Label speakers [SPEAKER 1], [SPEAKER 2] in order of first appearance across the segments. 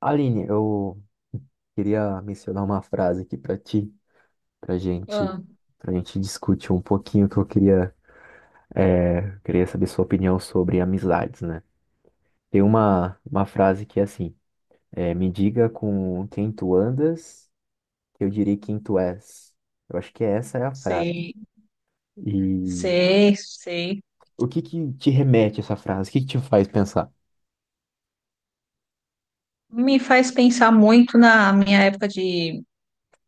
[SPEAKER 1] Aline, eu queria mencionar uma frase aqui para ti, para gente,
[SPEAKER 2] Ah,
[SPEAKER 1] para gente discutir um pouquinho que eu queria saber sua opinião sobre amizades, né? Tem uma frase que é assim, me diga com quem tu andas, que eu direi quem tu és. Eu acho que essa é a frase.
[SPEAKER 2] sei,
[SPEAKER 1] E
[SPEAKER 2] sei, sei.
[SPEAKER 1] o que que te remete a essa frase? O que que te faz pensar?
[SPEAKER 2] Me faz pensar muito na minha época de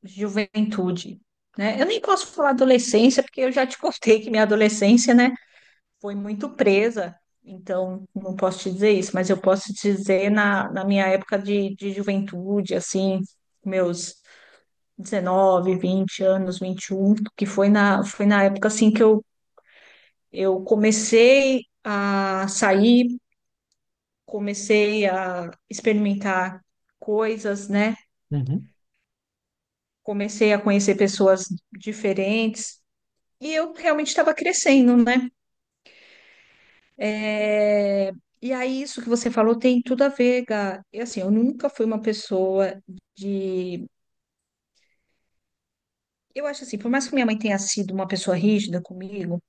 [SPEAKER 2] juventude, né? Eu nem posso falar adolescência, porque eu já te contei que minha adolescência, né, foi muito presa, então não posso te dizer isso, mas eu posso te dizer na minha época de juventude, assim, meus 19, 20 anos, 21, que foi na época, assim, que eu comecei a sair, comecei a experimentar coisas, né?
[SPEAKER 1] Uhum,
[SPEAKER 2] Comecei a conhecer pessoas diferentes e eu realmente estava crescendo, né? É, E aí, isso que você falou tem tudo a ver, Gá. E assim, eu nunca fui uma pessoa de. Eu acho assim, por mais que minha mãe tenha sido uma pessoa rígida comigo,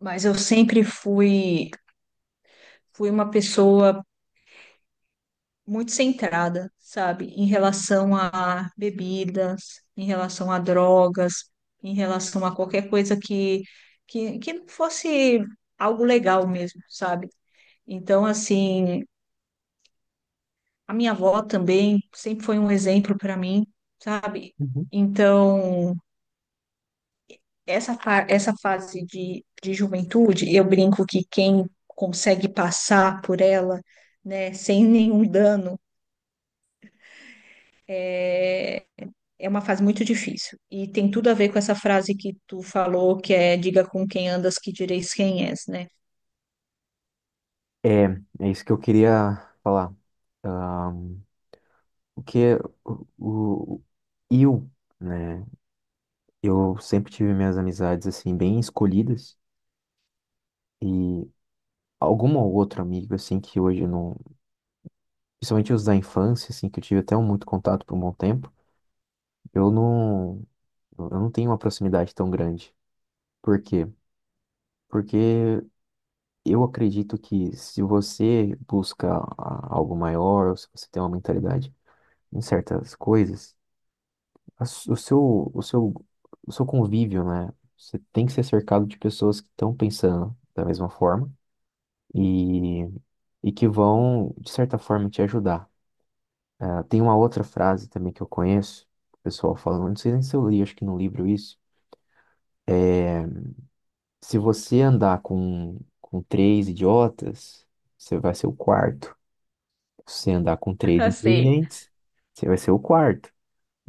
[SPEAKER 2] mas eu sempre fui uma pessoa muito centrada, sabe, em relação a bebidas, em relação a drogas, em relação a qualquer coisa que não fosse algo legal mesmo, sabe? Então, assim, a minha avó também sempre foi um exemplo para mim, sabe?
[SPEAKER 1] uhum.
[SPEAKER 2] Então, essa fase de juventude, eu brinco que quem consegue passar por ela, né, sem nenhum dano, é, é uma fase muito difícil. E tem tudo a ver com essa frase que tu falou, que é diga com quem andas que direis quem és, né?
[SPEAKER 1] É, é isso que eu queria falar. Ah, o que é o, o- eu, né? Eu sempre tive minhas amizades assim bem escolhidas e alguma ou outra amiga assim que hoje eu não, principalmente os da infância assim que eu tive até um muito contato por um bom tempo, eu não eu não tenho uma proximidade tão grande. Por quê? Porque eu acredito que se você busca algo maior, ou se você tem uma mentalidade em certas coisas, a su- o seu, o seu, o seu convívio, né? Você tem que ser cercado de pessoas que estão pensando da mesma forma e, e que vão, de certa forma, te ajudar. Ah, tem uma outra frase também que eu conheço, o pessoal falando, não sei nem se eu li, acho que no livro isso. Se você andar com três idiotas, você vai ser o quarto. Se você andar com três
[SPEAKER 2] Sei,
[SPEAKER 1] inteligentes, você vai ser o quarto.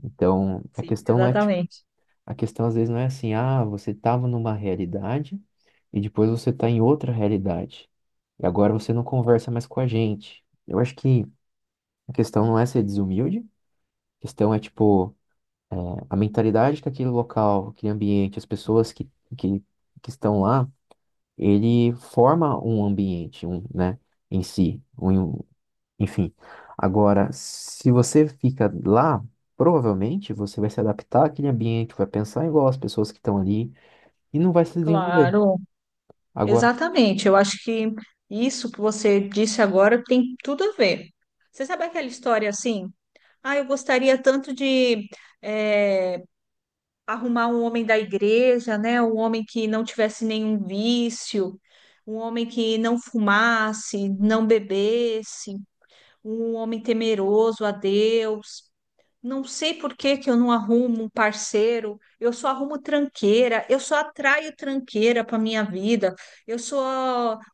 [SPEAKER 1] Então,
[SPEAKER 2] sim. Exatamente.
[SPEAKER 1] a questão às vezes não é assim, ah, você estava numa realidade e depois você está em outra realidade. E agora você não conversa mais com a gente. Eu acho que a questão não é ser desumilde, a questão é tipo a mentalidade que aquele local, aquele ambiente, as pessoas que, que estão lá, ele forma um ambiente, um, né, em si, um, enfim. Agora, se você fica lá, provavelmente você vai se adaptar àquele ambiente, vai pensar igual as pessoas que estão ali e não vai se desenvolver.
[SPEAKER 2] Claro.
[SPEAKER 1] Agora,
[SPEAKER 2] Exatamente. Eu acho que isso que você disse agora tem tudo a ver. Você sabe aquela história assim? Ah, eu gostaria tanto de eh, arrumar um homem da igreja, né? Um homem que não tivesse nenhum vício, um homem que não fumasse, não bebesse, um homem temeroso a Deus. Não sei por que que eu não arrumo um parceiro, eu só arrumo tranqueira, eu só atraio tranqueira para minha vida. Eu sou.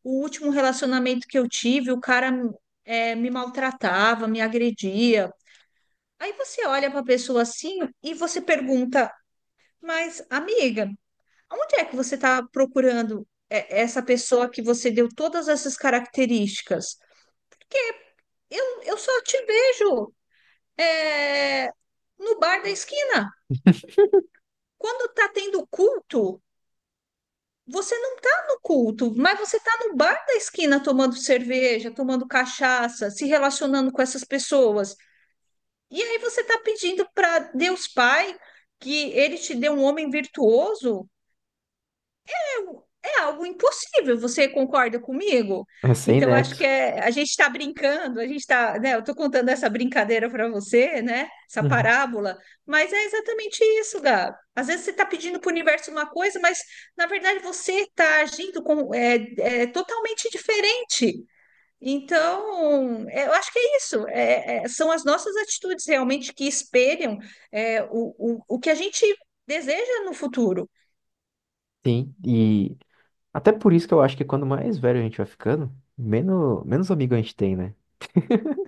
[SPEAKER 2] O último relacionamento que eu tive, o cara, me maltratava, me agredia. Aí você olha para a pessoa assim e você pergunta: Mas, amiga, onde é que você está procurando essa pessoa que você deu todas essas características? Porque eu só te vejo, é, no bar da esquina. Quando tá tendo culto, você não tá no culto, mas você tá no bar da esquina tomando cerveja, tomando cachaça, se relacionando com essas pessoas. E aí você tá pedindo para Deus Pai que ele te dê um homem virtuoso, é algo impossível. Você concorda comigo?
[SPEAKER 1] é sem
[SPEAKER 2] Então, acho que
[SPEAKER 1] nexo.
[SPEAKER 2] a gente está brincando, a gente está, né? Eu estou contando essa brincadeira para você, né? Essa
[SPEAKER 1] Uhum.
[SPEAKER 2] parábola, mas é exatamente isso, Gab. Às vezes você está pedindo para o universo uma coisa, mas na verdade você está agindo com, totalmente diferente. Então, eu acho que é isso. São as nossas atitudes realmente que espelham o que a gente deseja no futuro.
[SPEAKER 1] Sim, e até por isso que eu acho que quando mais velho a gente vai ficando, menos amigo a gente tem, né?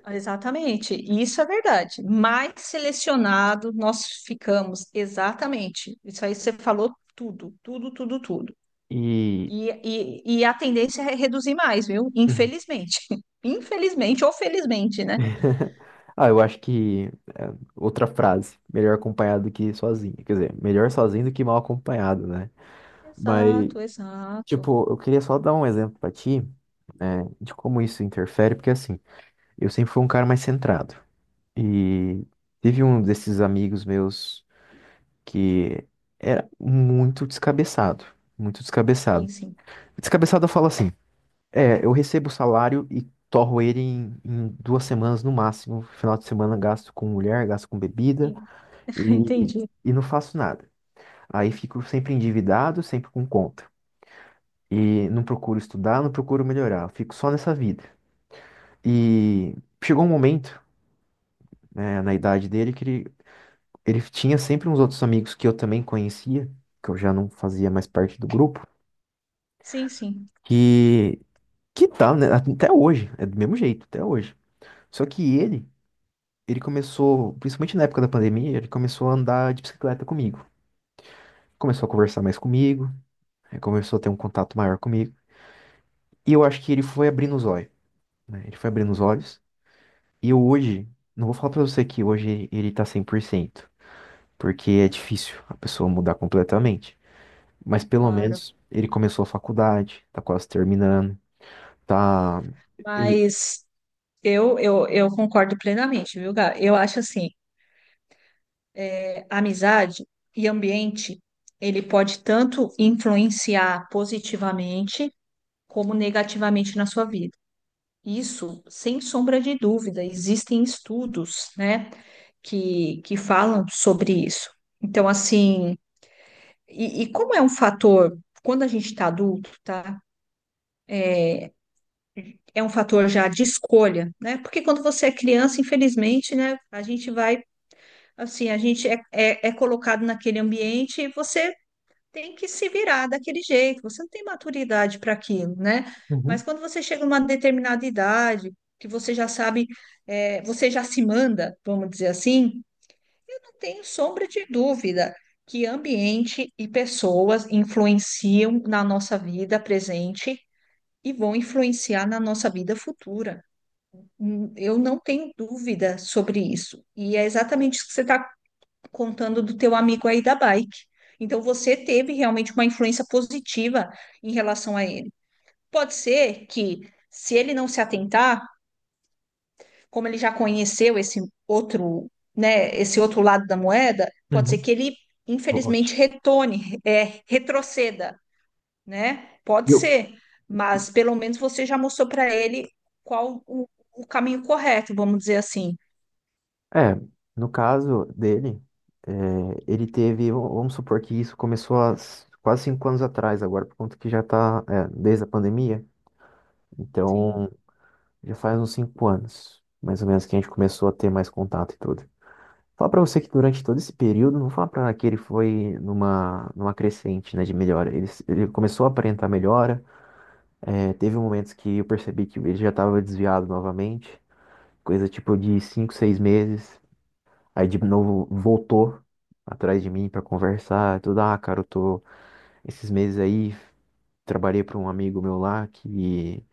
[SPEAKER 2] Exatamente, isso é verdade. Mais selecionado nós ficamos, exatamente. Isso aí você falou tudo, tudo, tudo, tudo.
[SPEAKER 1] E.
[SPEAKER 2] E, e a tendência é reduzir mais, viu?
[SPEAKER 1] Uhum.
[SPEAKER 2] Infelizmente. Infelizmente ou felizmente, né?
[SPEAKER 1] Ah, eu acho que. é, outra frase. Melhor acompanhado do que sozinho. Quer dizer, melhor sozinho do que mal acompanhado, né? Mas,
[SPEAKER 2] Exato, exato.
[SPEAKER 1] tipo, eu queria só dar um exemplo pra ti, né, de como isso interfere, porque assim, eu sempre fui um cara mais centrado. E tive um desses amigos meus, que era muito descabeçado, muito descabeçado.
[SPEAKER 2] Sim, sim.
[SPEAKER 1] Descabeçado eu falo assim, eu recebo o salário e torro ele em 2 semanas no máximo, final de semana gasto com mulher, gasto com bebida
[SPEAKER 2] En-
[SPEAKER 1] e,
[SPEAKER 2] Entendi.
[SPEAKER 1] e não faço nada. Aí fico sempre endividado, sempre com conta. E não procuro estudar, não procuro melhorar, eu fico só nessa vida. E chegou um momento, né, na idade dele que ele tinha sempre uns outros amigos que eu também conhecia, que eu já não fazia mais parte do grupo,
[SPEAKER 2] Sim, sim,
[SPEAKER 1] Que, que tá, né? Até hoje, é do mesmo jeito, até hoje. Só ele começou, principalmente na época da pandemia, ele começou a andar de bicicleta comigo. Começou a conversar mais comigo, começou a ter um contato maior comigo. E eu acho que ele foi abrindo os olhos, né? Ele foi abrindo os olhos. E eu hoje, não vou falar pra você que hoje ele tá 100% porque é difícil a pessoa mudar completamente. Mas pelo
[SPEAKER 2] claro.
[SPEAKER 1] menos ele começou a faculdade, tá quase terminando, tá. Eu...
[SPEAKER 2] Mas eu concordo plenamente, viu, Gá? Eu acho assim, amizade e ambiente, ele pode tanto influenciar positivamente como negativamente na sua vida. Isso, sem sombra de dúvida, existem estudos, né, que falam sobre isso. Então, assim, e como é um fator, quando a gente está adulto, tá? É um fator já de escolha, né? Porque quando você é criança, infelizmente, né, a gente vai, assim, a gente é colocado naquele ambiente e você tem que se virar daquele jeito, você não tem maturidade para aquilo, né? Mas
[SPEAKER 1] Uhum,
[SPEAKER 2] quando você chega numa determinada idade, que você já sabe, você já se manda, vamos dizer assim, eu não tenho sombra de dúvida que ambiente e pessoas influenciam na nossa vida presente e vão influenciar na nossa vida futura. Eu não tenho dúvida sobre isso. E é exatamente isso que você está contando do teu amigo aí da bike. Então você teve realmente uma influência positiva em relação a ele. Pode ser que, se ele não se atentar, como ele já conheceu esse outro, né, esse outro lado da moeda, pode ser
[SPEAKER 1] uhum.
[SPEAKER 2] que ele
[SPEAKER 1] Ótimo.
[SPEAKER 2] infelizmente retorne, retroceda, né?
[SPEAKER 1] E
[SPEAKER 2] Pode
[SPEAKER 1] eu,
[SPEAKER 2] ser, mas pelo menos você já mostrou para ele qual o caminho correto, vamos dizer assim.
[SPEAKER 1] é, no caso dele, é, ele teve, vamos supor que isso começou há quase 5 anos atrás, agora por conta que já está, desde a pandemia,
[SPEAKER 2] Sim,
[SPEAKER 1] então já faz uns 5 anos, mais ou menos, que a gente começou a ter mais contato e tudo. Falar pra você que durante todo esse período, não falar pra que ele foi numa crescente, né, de melhora. Ele começou a aparentar melhora, é, teve momentos que eu percebi que ele já estava desviado novamente, coisa tipo de 5, 6 meses. Aí de novo voltou atrás de mim pra conversar, tudo, ah, cara, eu tô esses meses aí trabalhei para um amigo meu lá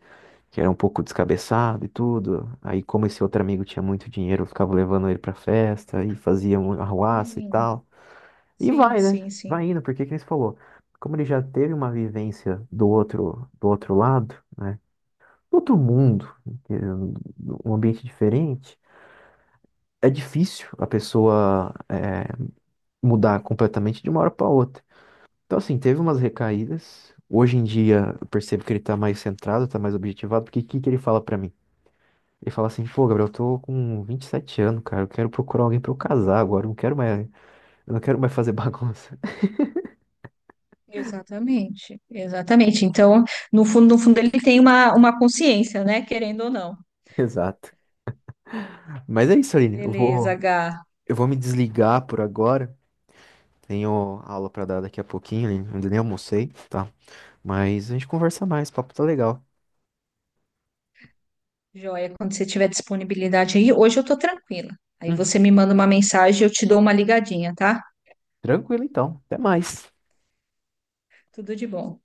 [SPEAKER 1] que era um pouco descabeçado e tudo. Aí como esse outro amigo tinha muito dinheiro, eu ficava levando ele pra festa e fazia um arruaça e
[SPEAKER 2] sim,
[SPEAKER 1] tal. E
[SPEAKER 2] sim,
[SPEAKER 1] vai, né?
[SPEAKER 2] sim, sim.
[SPEAKER 1] Vai indo, porque que nem você falou, como ele já teve uma vivência do outro lado, né? Do outro mundo, um ambiente diferente, é difícil a pessoa mudar completamente de uma hora para outra. Então, assim, teve umas recaídas. Hoje em dia, eu percebo que ele tá mais centrado, tá mais objetivado, porque o que que ele fala pra mim? Ele fala assim, pô, Gabriel, eu tô com 27 anos, cara, eu quero procurar alguém pra eu casar agora, eu não quero mais, eu não quero mais fazer bagunça.
[SPEAKER 2] Exatamente, exatamente. Então, no fundo, no fundo, ele tem uma, consciência, né? Querendo ou não.
[SPEAKER 1] Exato. Mas é isso, Aline,
[SPEAKER 2] Beleza, Gá.
[SPEAKER 1] eu vou me desligar por agora. Tenho aula pra dar daqui a pouquinho, Aline, ainda nem almocei, tá? Mas a gente conversa mais, o papo tá legal.
[SPEAKER 2] Joia, quando você tiver disponibilidade aí, hoje eu tô tranquila. Aí
[SPEAKER 1] Uhum.
[SPEAKER 2] você me manda uma mensagem, eu te dou uma ligadinha, tá?
[SPEAKER 1] Tranquilo, então. Até mais.
[SPEAKER 2] Tudo de bom.